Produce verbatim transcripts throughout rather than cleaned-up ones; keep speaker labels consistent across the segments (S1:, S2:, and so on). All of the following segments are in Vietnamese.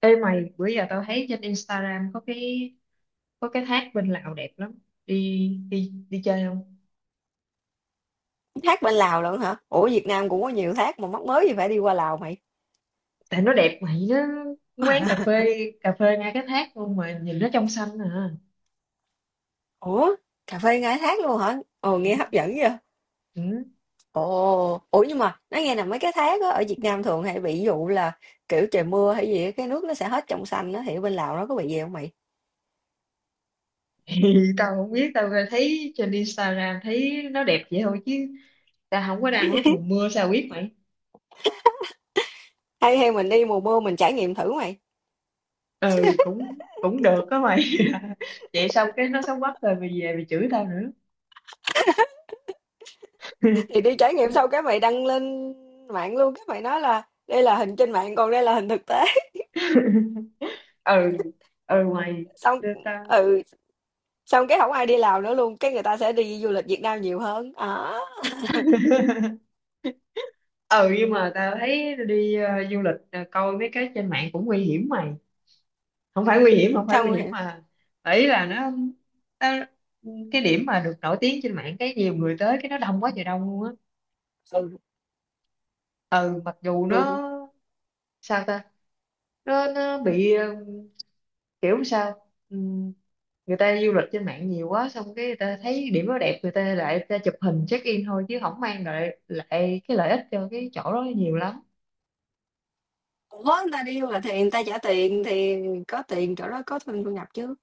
S1: Ê mày, bữa giờ tao thấy trên Instagram có cái có cái thác bên Lào đẹp lắm. Đi đi đi chơi không?
S2: Thác bên Lào lận hả? Ủa Việt Nam cũng có nhiều thác mà, mắc mới gì phải đi qua Lào mày.
S1: Tại nó đẹp mày, nó quán cà phê cà phê ngay cái thác luôn mà nhìn nó trong xanh à.
S2: Ủa cà phê ngay thác luôn hả? Ồ
S1: Ừ.
S2: nghe hấp dẫn vậy.
S1: Ừ.
S2: Ồ ủa nhưng mà nói nghe là mấy cái thác á ở Việt Nam thường hay bị dụ là kiểu trời mưa hay gì á, cái nước nó sẽ hết trong xanh á, thì ở bên Lào nó có bị gì không mày?
S1: Thì tao không biết, tao thấy trên Instagram thấy nó đẹp vậy thôi chứ tao không có đăng lúc mùa mưa sao biết mày.
S2: Hay hay mình đi mùa mưa mình trải nghiệm thử mày.
S1: Ừ, cũng cũng được đó mày. Vậy xong cái nó xấu quắc rồi mày về mày chửi tao nữa.
S2: Thì đi trải nghiệm xong cái mày đăng lên mạng luôn, cái mày nói là đây là hình trên mạng còn đây là hình thực tế.
S1: Ừ, ừ mày,
S2: Xong
S1: tao
S2: ừ xong cái không ai đi Lào nữa luôn, cái người ta sẽ đi du lịch Việt Nam nhiều hơn à.
S1: ừ, nhưng mà tao thấy đi ờ, du lịch ờ, coi mấy cái trên mạng cũng nguy hiểm mày. Không phải nguy hiểm, không phải
S2: Xong
S1: nguy hiểm
S2: rồi.
S1: mà ý là nó, tao, cái điểm mà được nổi tiếng trên mạng, cái nhiều người tới cái nó đông quá trời đông luôn á.
S2: Ừ,
S1: Ừ, mặc dù
S2: ừ.
S1: nó sao ta, nó nó bị ờ, kiểu sao, Ừm, người ta du lịch trên mạng nhiều quá xong cái người ta thấy điểm nó đẹp, người ta lại người ta chụp hình check in thôi chứ không mang lại lại cái lợi ích cho cái chỗ đó nhiều lắm.
S2: Ủa, người ta đi du lịch thì người ta trả tiền, thì có tiền chỗ đó có thêm thu nhập chứ.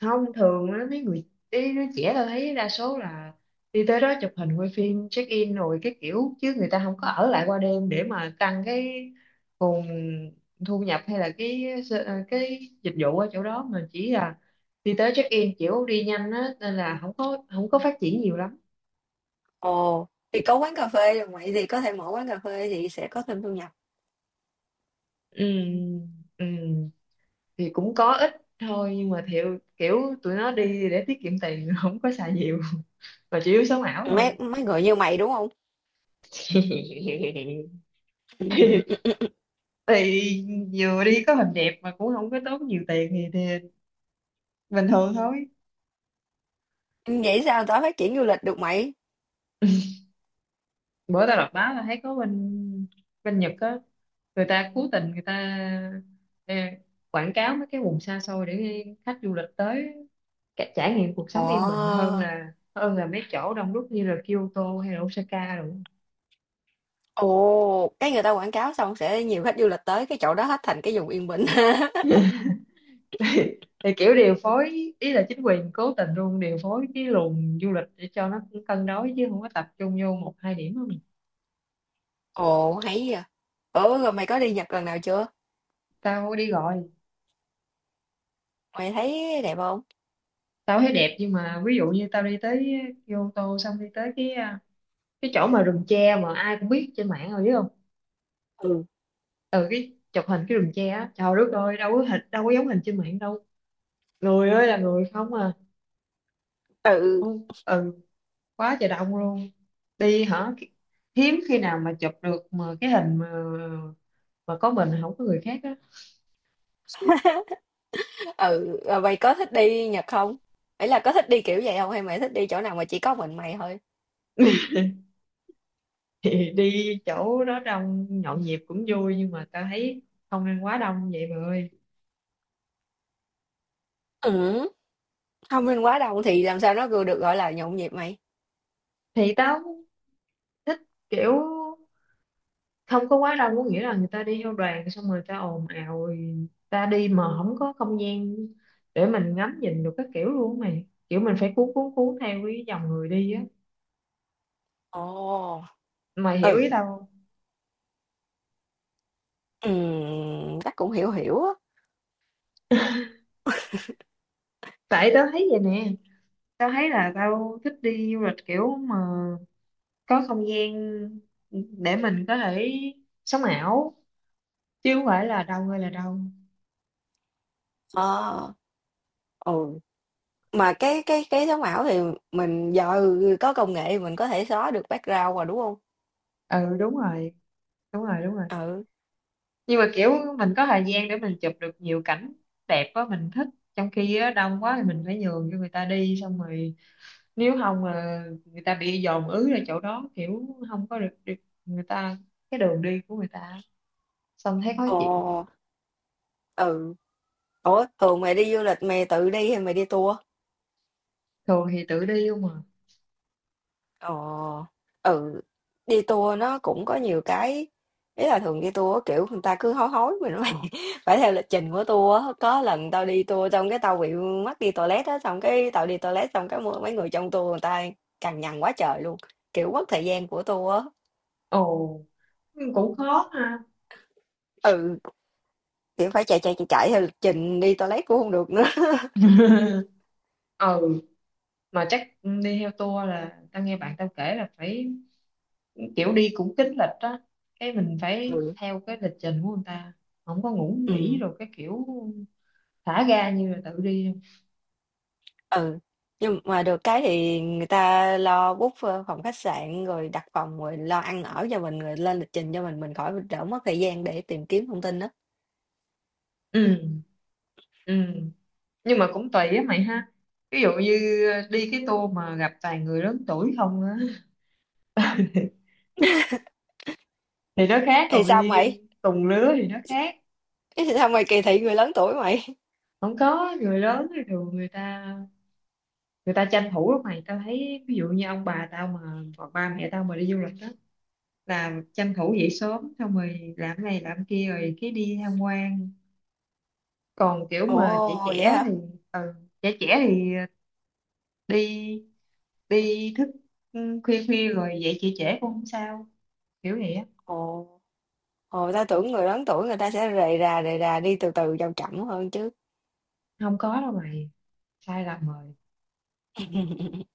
S1: Không thường á, mấy người, mấy đứa trẻ tôi thấy đa số là đi tới đó chụp hình quay phim check in rồi cái kiểu, chứ người ta không có ở lại qua đêm để mà tăng cái nguồn thu nhập hay là cái s- ờ, cái dịch vụ ở chỗ đó, mà chỉ là đi tới check in kiểu đi nhanh á nên là không có không có phát triển nhiều lắm.
S2: Ồ, thì có quán cà phê rồi mày thì có thể mở quán cà phê thì sẽ có thêm thu nhập.
S1: Ừ, ừ, thì cũng có ít thôi nhưng mà thiệu kiểu tụi nó đi để tiết kiệm tiền, không có xài nhiều mà chủ yếu sống ảo thôi.
S2: Mấy mấy người như mày đúng không?
S1: thì vừa đi có hình đẹp mà cũng không có tốn nhiều tiền thì, thì, bình thường thôi.
S2: Vậy sao tao phát triển du lịch được mày?
S1: Bữa tao đọc báo là thấy có bên bên Nhật á, người ta cố tình người ta ờ, quảng cáo mấy cái vùng xa xôi để khách du lịch tới cả- trải nghiệm cuộc
S2: Ồ,
S1: sống yên bình hơn là hơn là mấy chỗ đông đúc như là Kyoto hay là Osaka rồi.
S2: ồ, cái người ta quảng cáo xong sẽ nhiều khách du lịch tới cái chỗ đó hết thành cái vùng yên bình.
S1: thì, thì kiểu điều phối, ý là chính quyền cố tình luôn điều phối cái luồng du lịch để cho nó cân đối chứ không có tập trung vô một hai điểm không.
S2: Ồ, hay vậy. Ủa rồi mày có đi Nhật lần nào chưa?
S1: Tao đi gọi,
S2: Mày thấy đẹp không?
S1: tao thấy đẹp nhưng mà ví dụ như tao đi tới, vô ô tô xong đi tới cái à, cái chỗ mà rừng tre mà ai cũng biết trên mạng rồi, biết không?
S2: Ừ.
S1: Ừ, cái chụp hình cái rừng tre á, trời đất ơi, đâu có hình, đâu có giống hình trên mạng đâu, người ơi là người không à.
S2: Ừ.
S1: Không, ừ, quá trời đông luôn, đi hả, hiếm khi nào mà chụp được mà cái hình mà mà có mình không có người khác á.
S2: Ừ rồi mày có thích đi Nhật không, ấy là có thích đi kiểu vậy không hay mày thích đi chỗ nào mà chỉ có mình mày thôi?
S1: thì đi chỗ đó đông nhộn nhịp cũng vui nhưng mà tao thấy không nên quá đông vậy mà ơi.
S2: Ừ, thông minh quá đông thì làm sao nó vừa được gọi là nhộn nhịp mày?
S1: Thì tao thích kiểu không có quá đông, có nghĩa là người ta đi theo đoàn xong rồi người ta ồn ào rồi ta đi mà không có không gian để mình ngắm nhìn được các kiểu luôn á mày, kiểu mình phải cuốn cuốn cuốn theo cái dòng người đi á.
S2: Ồ.
S1: Mày
S2: Ừ.
S1: hiểu ý tao không?
S2: Ừm, chắc cũng hiểu hiểu á.
S1: tại tao thấy vậy nè, tao thấy là tao thích đi du lịch kiểu mà có không gian để mình có thể sống ảo, chứ không phải là đâu hay là đâu.
S2: Ờ. Ừ. Mà cái cái cái sống ảo thì mình giờ có công nghệ mình có thể xóa được background rồi đúng không?
S1: Ừ, đúng rồi, đúng rồi, đúng rồi.
S2: Ừ.
S1: Nhưng mà kiểu mình có thời gian để mình chụp được nhiều cảnh đẹp á mình thích, trong khi á, đông quá thì mình phải nhường cho người ta đi xong rồi, nếu không mà người ta bị dồn ứ ra chỗ đó kiểu không có được, được người ta, cái đường đi của người ta, xong thấy khó
S2: Ồ.
S1: chịu.
S2: Ừ. Ủa thường mày đi du lịch mày tự đi hay mày đi tour?
S1: Thường thì tự đi không mà.
S2: Ờ, ừ, đi tour nó cũng có nhiều cái, ý là thường đi tour á, kiểu người ta cứ hối hối mình phải, phải theo lịch trình của tour á. Có lần tao đi tour xong cái tao bị mắc đi toilet á, xong cái tao đi toilet xong cái mấy người trong tour người ta cằn nhằn quá trời luôn, kiểu mất thời gian của tour á.
S1: Ồ, cũng khó ha.
S2: Ừ, kiểu phải chạy chạy chạy chạy theo lịch trình, đi toilet cũng không được nữa.
S1: ừ, mà chắc đi theo tour là tao nghe bạn tao kể là phải kiểu đi cũng kín lịch á, cái mình phải
S2: Ừ.
S1: theo cái lịch trình của người ta, không có ngủ
S2: Ừ.
S1: nghỉ rồi cái kiểu thả ga như là tự đi luôn.
S2: Ừ, nhưng mà được cái thì người ta lo book, ơ, phòng khách sạn, rồi đặt phòng, rồi lo ăn ở cho mình, rồi lên lịch trình cho mình, mình khỏi đỡ mất thời gian để tìm kiếm thông tin đó.
S1: Ừ, ừ, nhưng mà cũng tùy á mày ha, ví dụ như đi cái tour mà gặp toàn người lớn tuổi không á thì nó khác,
S2: Thì
S1: còn
S2: sao
S1: đi
S2: mày?
S1: cùng lứa thì nó khác.
S2: Thì sao mày kỳ thị người lớn tuổi mày?
S1: Không có người lớn thì thường người ta, người ta tranh thủ lắm mày. Tao thấy ví dụ như ông bà tao mà, hoặc ba mẹ tao mà đi du lịch đó là tranh thủ dậy sớm xong rồi làm này làm kia rồi cái đi tham quan, còn kiểu mà trẻ
S2: Ồ, vậy
S1: trẻ thì,
S2: hả?
S1: ừ, trẻ trẻ thì đi đi thức, ừ, khuya khuya rồi dậy trễ trễ cũng không sao, kiểu vậy á.
S2: Ồ, ồ, ta tưởng người lớn tuổi người ta sẽ rề rà, rề rà, đi từ từ chậm chậm hơn chứ.
S1: Không có đâu mày, sai lầm rồi.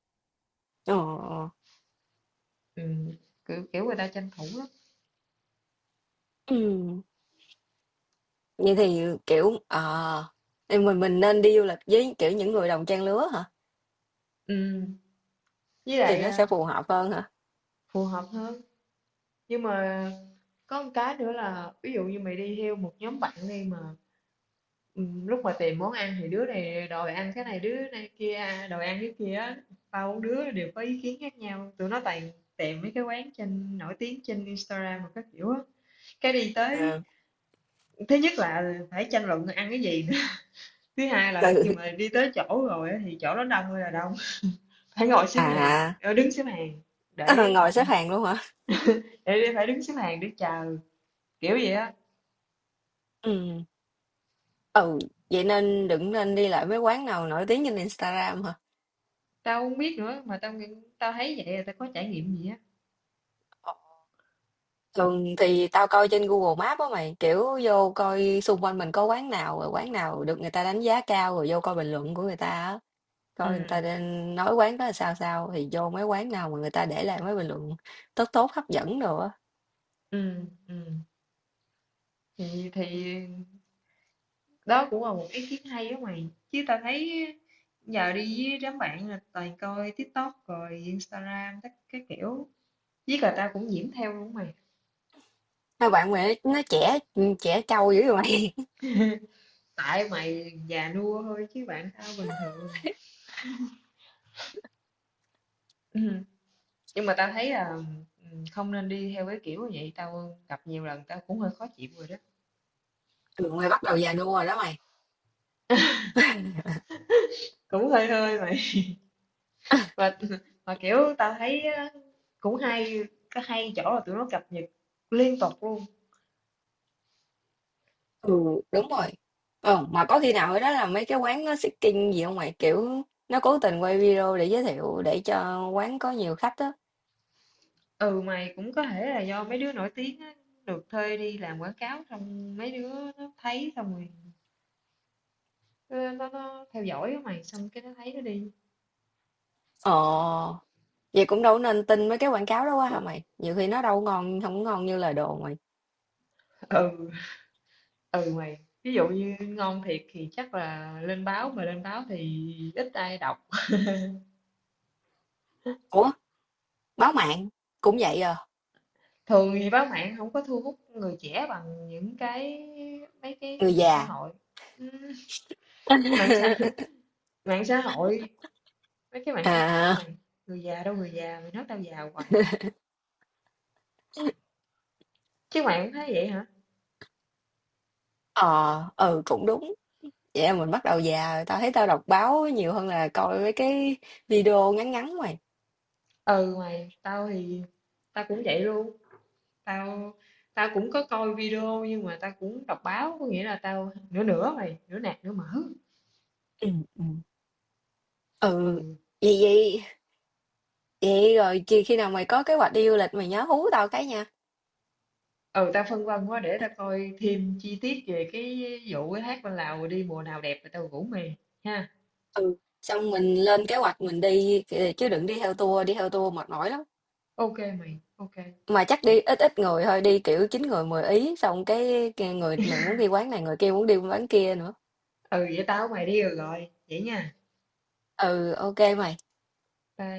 S2: Ờ, ờ.
S1: Ừ, kiểu kiểu người ta tranh thủ lắm.
S2: Vậy thì, kiểu, ờ, thì mình mình nên đi du lịch với, kiểu, những người đồng trang lứa hả?
S1: Ừ, với
S2: Thì
S1: lại
S2: nó sẽ
S1: à,
S2: phù hợp hơn hả?
S1: phù hợp hơn. Nhưng mà có một cái nữa là ví dụ như mày đi theo một nhóm bạn đi mà, ừ, lúc mà tìm món ăn thì đứa này đòi ăn cái này, đứa này kia à, đòi ăn cái kia á. Bao đứa đều có ý kiến khác nhau, tụi nó toàn tìm mấy cái quán trên nổi tiếng trên Instagram mà các kiểu á, cái đi tới.
S2: À.
S1: Thứ nhất là phải tranh luận ăn cái gì nữa, thứ hai là
S2: Ừ,
S1: khi mà đi tới chỗ rồi á, thì chỗ đó đông ơi là đông, phải ngồi xếp hàng,
S2: à.
S1: ờ, đứng xếp hàng
S2: Ờ,
S1: để
S2: ngồi
S1: ngồi,
S2: xếp hàng luôn hả?
S1: để phải đứng xếp hàng để chờ, kiểu vậy á.
S2: Ừm, ừ, vậy nên đừng nên đi lại mấy quán nào nổi tiếng trên Instagram hả?
S1: Tao không biết nữa, mà tao nghĩ tao thấy vậy là tao có trải nghiệm gì á.
S2: Ờ, thường thì tao coi trên Google Maps á mày, kiểu vô coi xung quanh mình có quán nào, rồi quán nào được người ta đánh giá cao, rồi vô coi bình luận của người ta á. Coi người ta
S1: Ừ,
S2: đang nói quán đó là sao sao, thì vô mấy quán nào mà người ta để lại mấy bình luận tốt tốt hấp dẫn đồ á.
S1: ừ, ừ. Thì thì đó cũng là một ý kiến hay đó mày. Chứ tao thấy giờ đi với đám bạn là toàn coi TikTok rồi Instagram tất cái kiểu. Với cả tao cũng nhiễm theo luôn mày.
S2: Mấy bạn mày nó, nó trẻ, trẻ trâu dữ vậy mày.
S1: Tại mày già nua thôi chứ bạn tao bình thường. Ừm, Nhưng mà tao thấy là ừ, không nên đi theo cái kiểu như vậy, tao gặp nhiều lần tao cũng hơi khó chịu rồi đó.
S2: Trường mày bắt đầu già nua rồi đó mày.
S1: Cũng hơi hơi mày. Và mà kiểu tao thấy á, cũng hay có hay chỗ là tụi nó cập nhật liên tục luôn.
S2: Ừ, đúng rồi. Ờ, mà có khi nào ở đó là mấy cái quán nó seeking gì không mày? Kiểu nó cố tình quay video để giới thiệu để cho quán có nhiều khách á.
S1: Ừ mày, cũng có thể là do mấy đứa nổi tiếng á, được thuê đi làm quảng cáo xong mấy đứa nó thấy xong rồi nó nó, nó theo dõi á mày, xong cái nó thấy nó đi.
S2: Ờ, vậy cũng đâu nên tin mấy cái quảng cáo đó quá hả mày? Nhiều khi nó đâu có ngon, không có ngon như lời đồn mày.
S1: Ừ. Ừ mày, ví dụ như ngon thiệt thì chắc là lên báo, mà lên báo thì ít ai đọc.
S2: Ủa, báo mạng cũng vậy à,
S1: Thường thì báo mạng không có thu hút người trẻ bằng những cái, mấy cái
S2: người
S1: mạng xã
S2: già.
S1: hội. Ừ, mạng xã mạng xã hội mấy cái mạng xã hội
S2: À,
S1: mày. Người già đâu, người già mày nói tao già hoài, chứ mày cũng thấy vậy hả?
S2: ờ, ừ cũng đúng. Vậy là mình bắt đầu già rồi, tao thấy tao đọc báo nhiều hơn là coi mấy cái video ngắn ngắn mày.
S1: Ừ mày, tao thì tao cũng vậy luôn, tao tao cũng có coi video nhưng mà tao cũng đọc báo, có nghĩa là tao nửa nửa mày, nửa nạc nửa mỡ.
S2: Ừ, ừ. Ừ,
S1: Ừ,
S2: vậy vậy vậy rồi khi khi nào mày có kế hoạch đi du lịch mày nhớ hú tao cái nha.
S1: ừ, tao phân vân quá, để tao coi thêm chi tiết về cái vụ cái hát bên Lào đi mùa nào đẹp rồi tao rủ mày ha.
S2: Ừ. Xong mình lên kế hoạch mình đi kìa, chứ đừng đi theo tour, đi theo tour mệt mỏi lắm.
S1: Ok mày, ok
S2: Mà chắc đi
S1: vậy.
S2: ít ít người thôi, đi kiểu chín người mười ý, xong cái, cái người này muốn đi quán này, người kia muốn đi quán kia nữa.
S1: Ừ, vậy tao với mày đi rồi rồi vậy nha.
S2: Ừ ok mày.
S1: Bye.